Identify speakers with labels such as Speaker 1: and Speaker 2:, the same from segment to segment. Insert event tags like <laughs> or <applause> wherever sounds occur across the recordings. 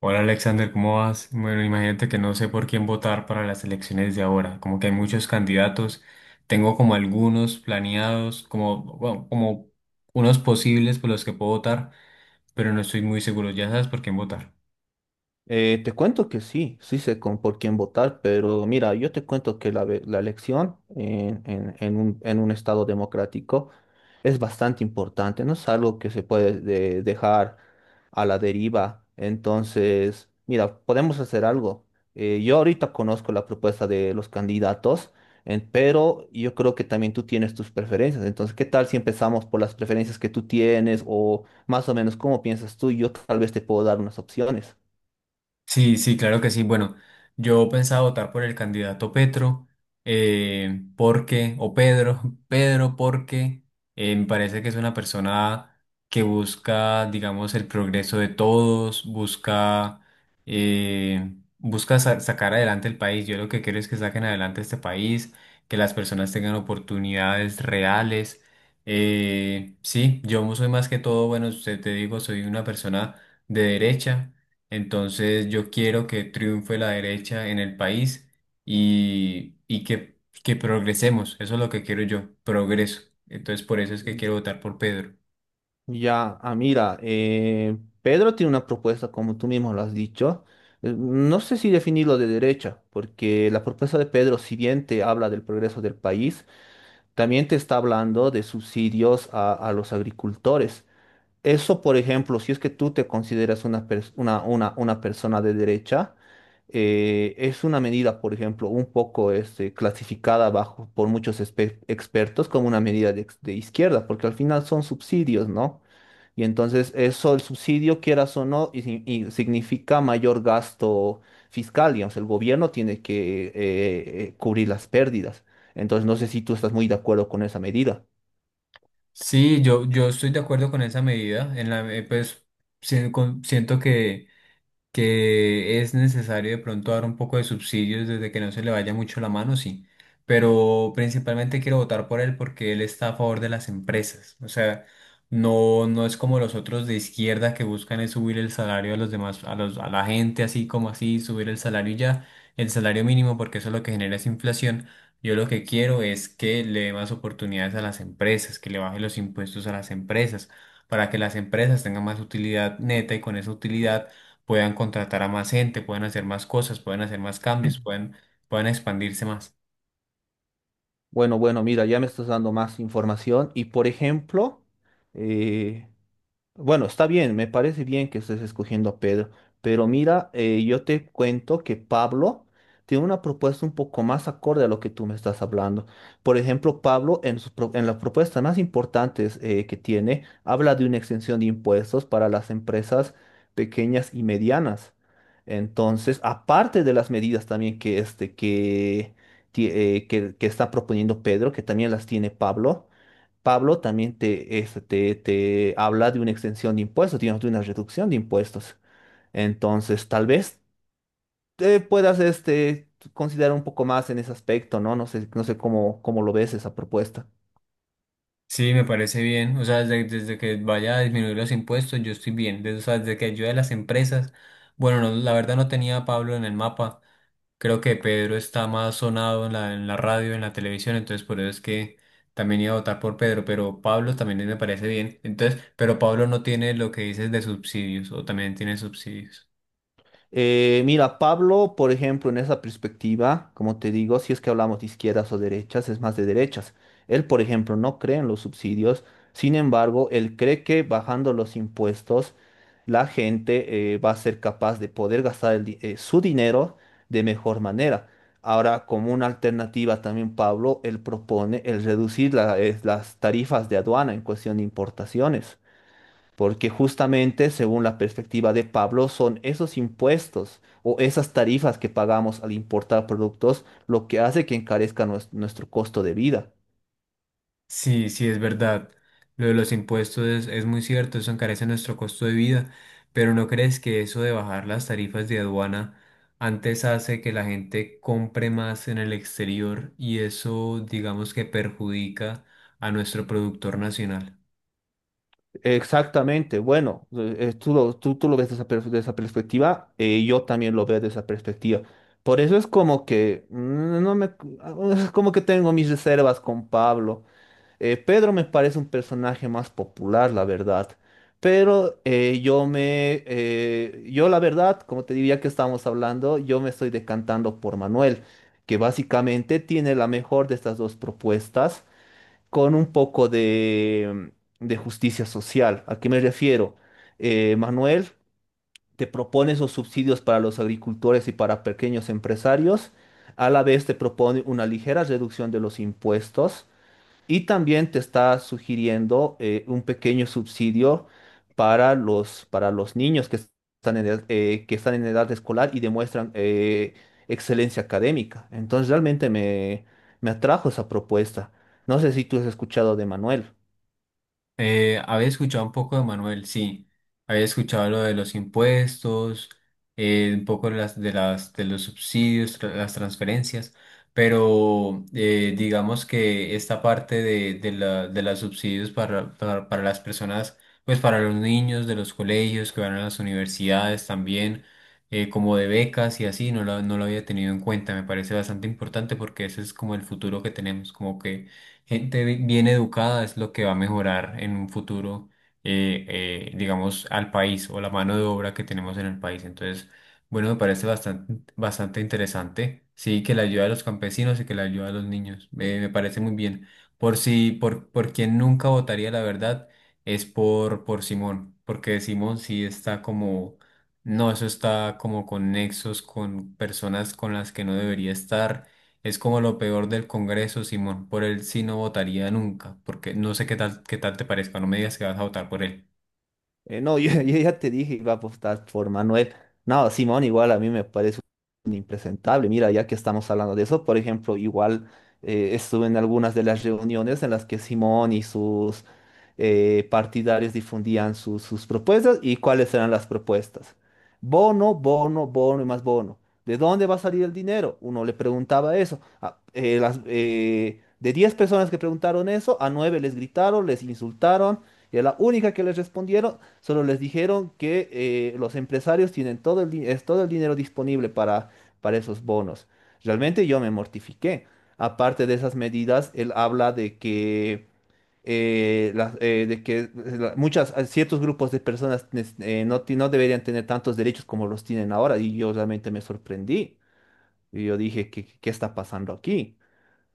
Speaker 1: Hola Alexander, ¿cómo vas? Bueno, imagínate que no sé por quién votar para las elecciones de ahora, como que hay muchos candidatos, tengo como algunos planeados, como, bueno, como unos posibles por los que puedo votar, pero no estoy muy seguro, ya sabes por quién votar.
Speaker 2: Te cuento que sí, sí sé con por quién votar, pero mira, yo te cuento que la elección en un estado democrático es bastante importante, no es algo que se puede dejar a la deriva. Entonces, mira, podemos hacer algo. Yo ahorita conozco la propuesta de los candidatos, pero yo creo que también tú tienes tus preferencias. Entonces, ¿qué tal si empezamos por las preferencias que tú tienes o más o menos cómo piensas tú? Y yo tal vez te puedo dar unas opciones.
Speaker 1: Sí, sí, claro que sí. Bueno, yo pensaba votar por el candidato Petro, porque, o Pedro, <laughs> Pedro, porque me parece que es una persona que busca, digamos, el progreso de todos, busca, busca sacar adelante el país. Yo lo que quiero es que saquen adelante este país, que las personas tengan oportunidades reales. Sí, yo soy más que todo, bueno, te digo, soy una persona de derecha. Entonces yo quiero que triunfe la derecha en el país y que progresemos. Eso es lo que quiero yo, progreso. Entonces por eso es que quiero votar por Pedro.
Speaker 2: Ya, ah, mira, Pedro tiene una propuesta, como tú mismo lo has dicho. No sé si definirlo de derecha, porque la propuesta de Pedro, si bien te habla del progreso del país, también te está hablando de subsidios a los agricultores. Eso, por ejemplo, si es que tú te consideras una persona de derecha, es una medida, por ejemplo, un poco este, clasificada bajo, por muchos expertos como una medida de izquierda, porque al final son subsidios, ¿no? Y entonces eso, el subsidio, quieras o no, y, si- y significa mayor gasto fiscal, digamos, el gobierno tiene que cubrir las pérdidas. Entonces no sé si tú estás muy de acuerdo con esa medida.
Speaker 1: Sí, yo estoy de acuerdo con esa medida. En la, pues sien- con- Siento que es necesario de pronto dar un poco de subsidios desde que no se le vaya mucho la mano, sí. Pero principalmente quiero votar por él porque él está a favor de las empresas. O sea, no, no es como los otros de izquierda que buscan es subir el salario a los demás, a los, a la gente así como así, subir el salario y ya, el salario mínimo, porque eso lo que genera es inflación. Yo lo que quiero es que le dé más oportunidades a las empresas, que le baje los impuestos a las empresas, para que las empresas tengan más utilidad neta y con esa utilidad puedan contratar a más gente, puedan hacer más cosas, puedan hacer más cambios, puedan, puedan expandirse más.
Speaker 2: Bueno, bueno, mira, ya me estás dando más información y, por ejemplo, eh, Bueno, está bien, me parece bien que estés escogiendo a Pedro, pero mira, yo te cuento que Pablo tiene una propuesta un poco más acorde a lo que tú me estás hablando. Por ejemplo, Pablo en las propuestas más importantes que tiene, habla de una exención de impuestos para las empresas pequeñas y medianas. Entonces, aparte de las medidas también que que está proponiendo Pedro, que también las tiene Pablo. Pablo también te habla de una extensión de impuestos, digamos, de una reducción de impuestos. Entonces, tal vez te puedas este, considerar un poco más en ese aspecto, ¿no? No sé, no sé cómo, cómo lo ves esa propuesta.
Speaker 1: Sí, me parece bien. O sea, desde, desde que vaya a disminuir los impuestos, yo estoy bien. Desde, o sea, desde que ayude a las empresas. Bueno, no, la verdad no tenía a Pablo en el mapa. Creo que Pedro está más sonado en la radio, en la televisión, entonces por eso es que también iba a votar por Pedro, pero Pablo también me parece bien. Entonces, pero Pablo no tiene lo que dices de subsidios, o también tiene subsidios.
Speaker 2: Mira, Pablo, por ejemplo, en esa perspectiva, como te digo, si es que hablamos de izquierdas o derechas, es más de derechas. Él, por ejemplo, no cree en los subsidios, sin embargo, él cree que bajando los impuestos, la gente va a ser capaz de poder gastar su dinero de mejor manera. Ahora, como una alternativa también, Pablo, él propone el reducir las tarifas de aduana en cuestión de importaciones porque justamente según la perspectiva de Pablo son esos impuestos o esas tarifas que pagamos al importar productos lo que hace que encarezca nuestro costo de vida.
Speaker 1: Sí, sí, es verdad. Lo de los impuestos es muy cierto, eso encarece nuestro costo de vida, pero ¿no crees que eso de bajar las tarifas de aduana antes hace que la gente compre más en el exterior y eso digamos que perjudica a nuestro productor nacional?
Speaker 2: Exactamente, bueno, tú lo ves de esa de esa perspectiva, yo también lo veo de esa perspectiva. Por eso es como que mm, no me, ah, es como que tengo mis reservas con Pablo. Pedro me parece un personaje más popular, la verdad. Pero yo la verdad, como te diría que estábamos hablando, yo me estoy decantando por Manuel, que básicamente tiene la mejor de estas dos propuestas con un poco de, de justicia social. ¿A qué me refiero? Manuel te propone esos subsidios para los agricultores y para pequeños empresarios. A la vez te propone una ligera reducción de los impuestos y también te está sugiriendo un pequeño subsidio para los niños que están en edad, que están en edad escolar y demuestran excelencia académica. Entonces realmente me atrajo esa propuesta. No sé si tú has escuchado de Manuel.
Speaker 1: Había escuchado un poco de Manuel, sí. Había escuchado lo de los impuestos, un poco de las, de las, de los subsidios, las transferencias, pero digamos que esta parte de la, de los subsidios para las personas, pues para los niños de los colegios que van a las universidades también, como de becas y así, no lo, no lo había tenido en cuenta. Me parece bastante importante porque ese es como el futuro que tenemos, como que gente bien educada es lo que va a mejorar en un futuro, eh, digamos, al país o la mano de obra que tenemos en el país. Entonces, bueno, me parece bastante, bastante interesante. Sí, que la ayuda de los campesinos y que la ayuda de los niños. Me parece muy bien. Por si, por quien nunca votaría, la verdad, es por Simón, porque Simón sí está como, no, eso está como con nexos, con personas con las que no debería estar, es como lo peor del Congreso, Simón. Por él sí no votaría nunca, porque no sé qué tal te parezca. No me digas que vas a votar por él.
Speaker 2: No, <laughs> yo ya te dije, iba a apostar por Manuel. No, Simón igual a mí me parece un impresentable. Mira, ya que estamos hablando de eso, por ejemplo, igual estuve en algunas de las reuniones en las que Simón y sus partidarios difundían sus propuestas y cuáles eran las propuestas. Bono, bono, bono y más bono. ¿De dónde va a salir el dinero? Uno le preguntaba eso. De 10 personas que preguntaron eso, a 9 les gritaron, les insultaron. Y a la única que les respondieron solo les dijeron que los empresarios tienen todo el, di- es todo el dinero disponible para esos bonos. Realmente yo me mortifiqué. Aparte de esas medidas, él habla de que, las- de que la- muchas, ciertos grupos de personas no deberían tener tantos derechos como los tienen ahora. Y yo realmente me sorprendí. Y yo dije, ¿qué, qué está pasando aquí?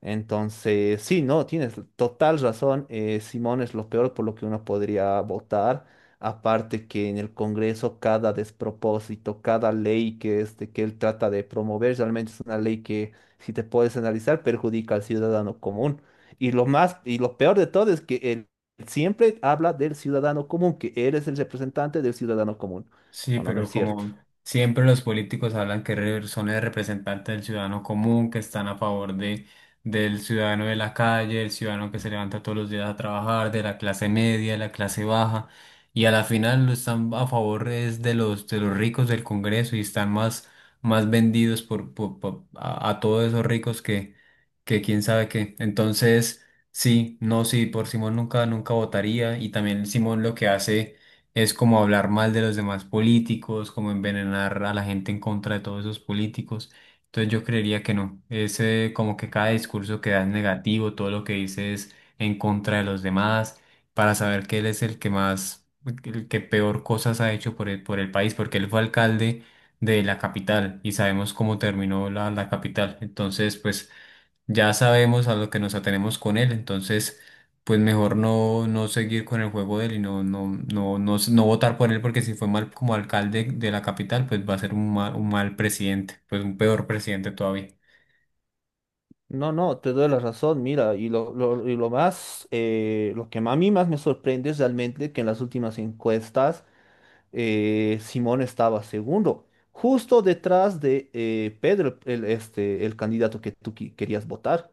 Speaker 2: Entonces, sí, no, tienes total razón. Simón es lo peor por lo que uno podría votar. Aparte que en el Congreso cada despropósito, cada ley que, este, que él trata de promover, realmente es una ley que, si te puedes analizar, perjudica al ciudadano común. Y lo más, y lo peor de todo es que él siempre habla del ciudadano común, que él es el representante del ciudadano común,
Speaker 1: Sí,
Speaker 2: cuando no
Speaker 1: pero
Speaker 2: es cierto.
Speaker 1: como siempre los políticos hablan que son el representante del ciudadano común, que están a favor de, del ciudadano de la calle, el ciudadano que se levanta todos los días a trabajar, de la clase media, de la clase baja, y a la final lo están a favor es de los ricos del Congreso y están más, más vendidos a todos esos ricos que quién sabe qué. Entonces, sí, no, sí, por Simón nunca, nunca votaría. Y también Simón lo que hace es como hablar mal de los demás políticos, como envenenar a la gente en contra de todos esos políticos. Entonces yo creería que no. Es, como que cada discurso que da es negativo, todo lo que dice es en contra de los demás, para saber que él es el que más, el que peor cosas ha hecho por el país, porque él fue alcalde de la capital y sabemos cómo terminó la, la capital. Entonces, pues ya sabemos a lo que nos atenemos con él, entonces pues mejor no, no seguir con el juego de él y no, no, no, no, no votar por él porque si fue mal como alcalde de la capital, pues va a ser un mal presidente, pues un peor presidente todavía.
Speaker 2: No, no, te doy la razón, mira, y lo más, lo que a mí más me sorprende es realmente que en las últimas encuestas Simón estaba segundo, justo detrás de Pedro, el, este, el candidato que tú querías votar.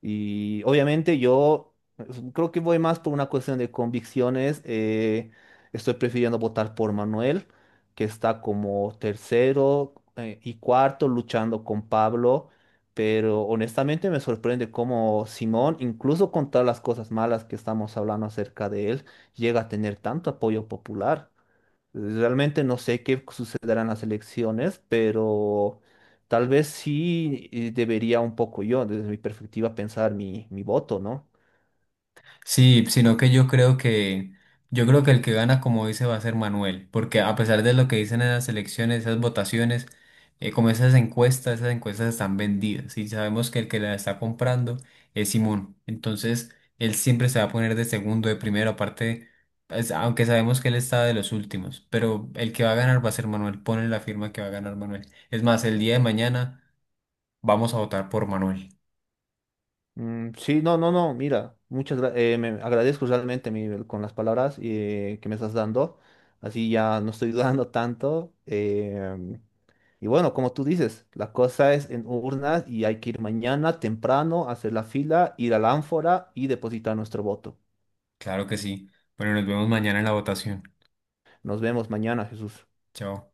Speaker 2: Y obviamente yo pues, creo que voy más por una cuestión de convicciones. Estoy prefiriendo votar por Manuel, que está como tercero y cuarto luchando con Pablo. Pero honestamente me sorprende cómo Simón, incluso con todas las cosas malas que estamos hablando acerca de él, llega a tener tanto apoyo popular. Realmente no sé qué sucederán las elecciones, pero tal vez sí debería un poco yo, desde mi perspectiva, pensar mi, mi voto, ¿no?
Speaker 1: Sí, sino que yo creo que el que gana, como dice, va a ser Manuel, porque a pesar de lo que dicen en las elecciones, esas votaciones, como esas encuestas están vendidas y sabemos que el que la está comprando es Simón. Entonces, él siempre se va a poner de segundo, de primero, aparte, pues, aunque sabemos que él está de los últimos, pero el que va a ganar va a ser Manuel. Ponle la firma que va a ganar Manuel. Es más, el día de mañana vamos a votar por Manuel.
Speaker 2: Mm, sí, no, no, no, mira, me agradezco realmente con las palabras que me estás dando, así ya no estoy <laughs> dudando tanto. Y bueno, como tú dices, la cosa es en urnas y hay que ir mañana temprano, hacer la fila, ir a la ánfora y depositar nuestro voto.
Speaker 1: Claro que sí. Bueno, nos vemos mañana en la votación.
Speaker 2: Nos vemos mañana, Jesús.
Speaker 1: Chao.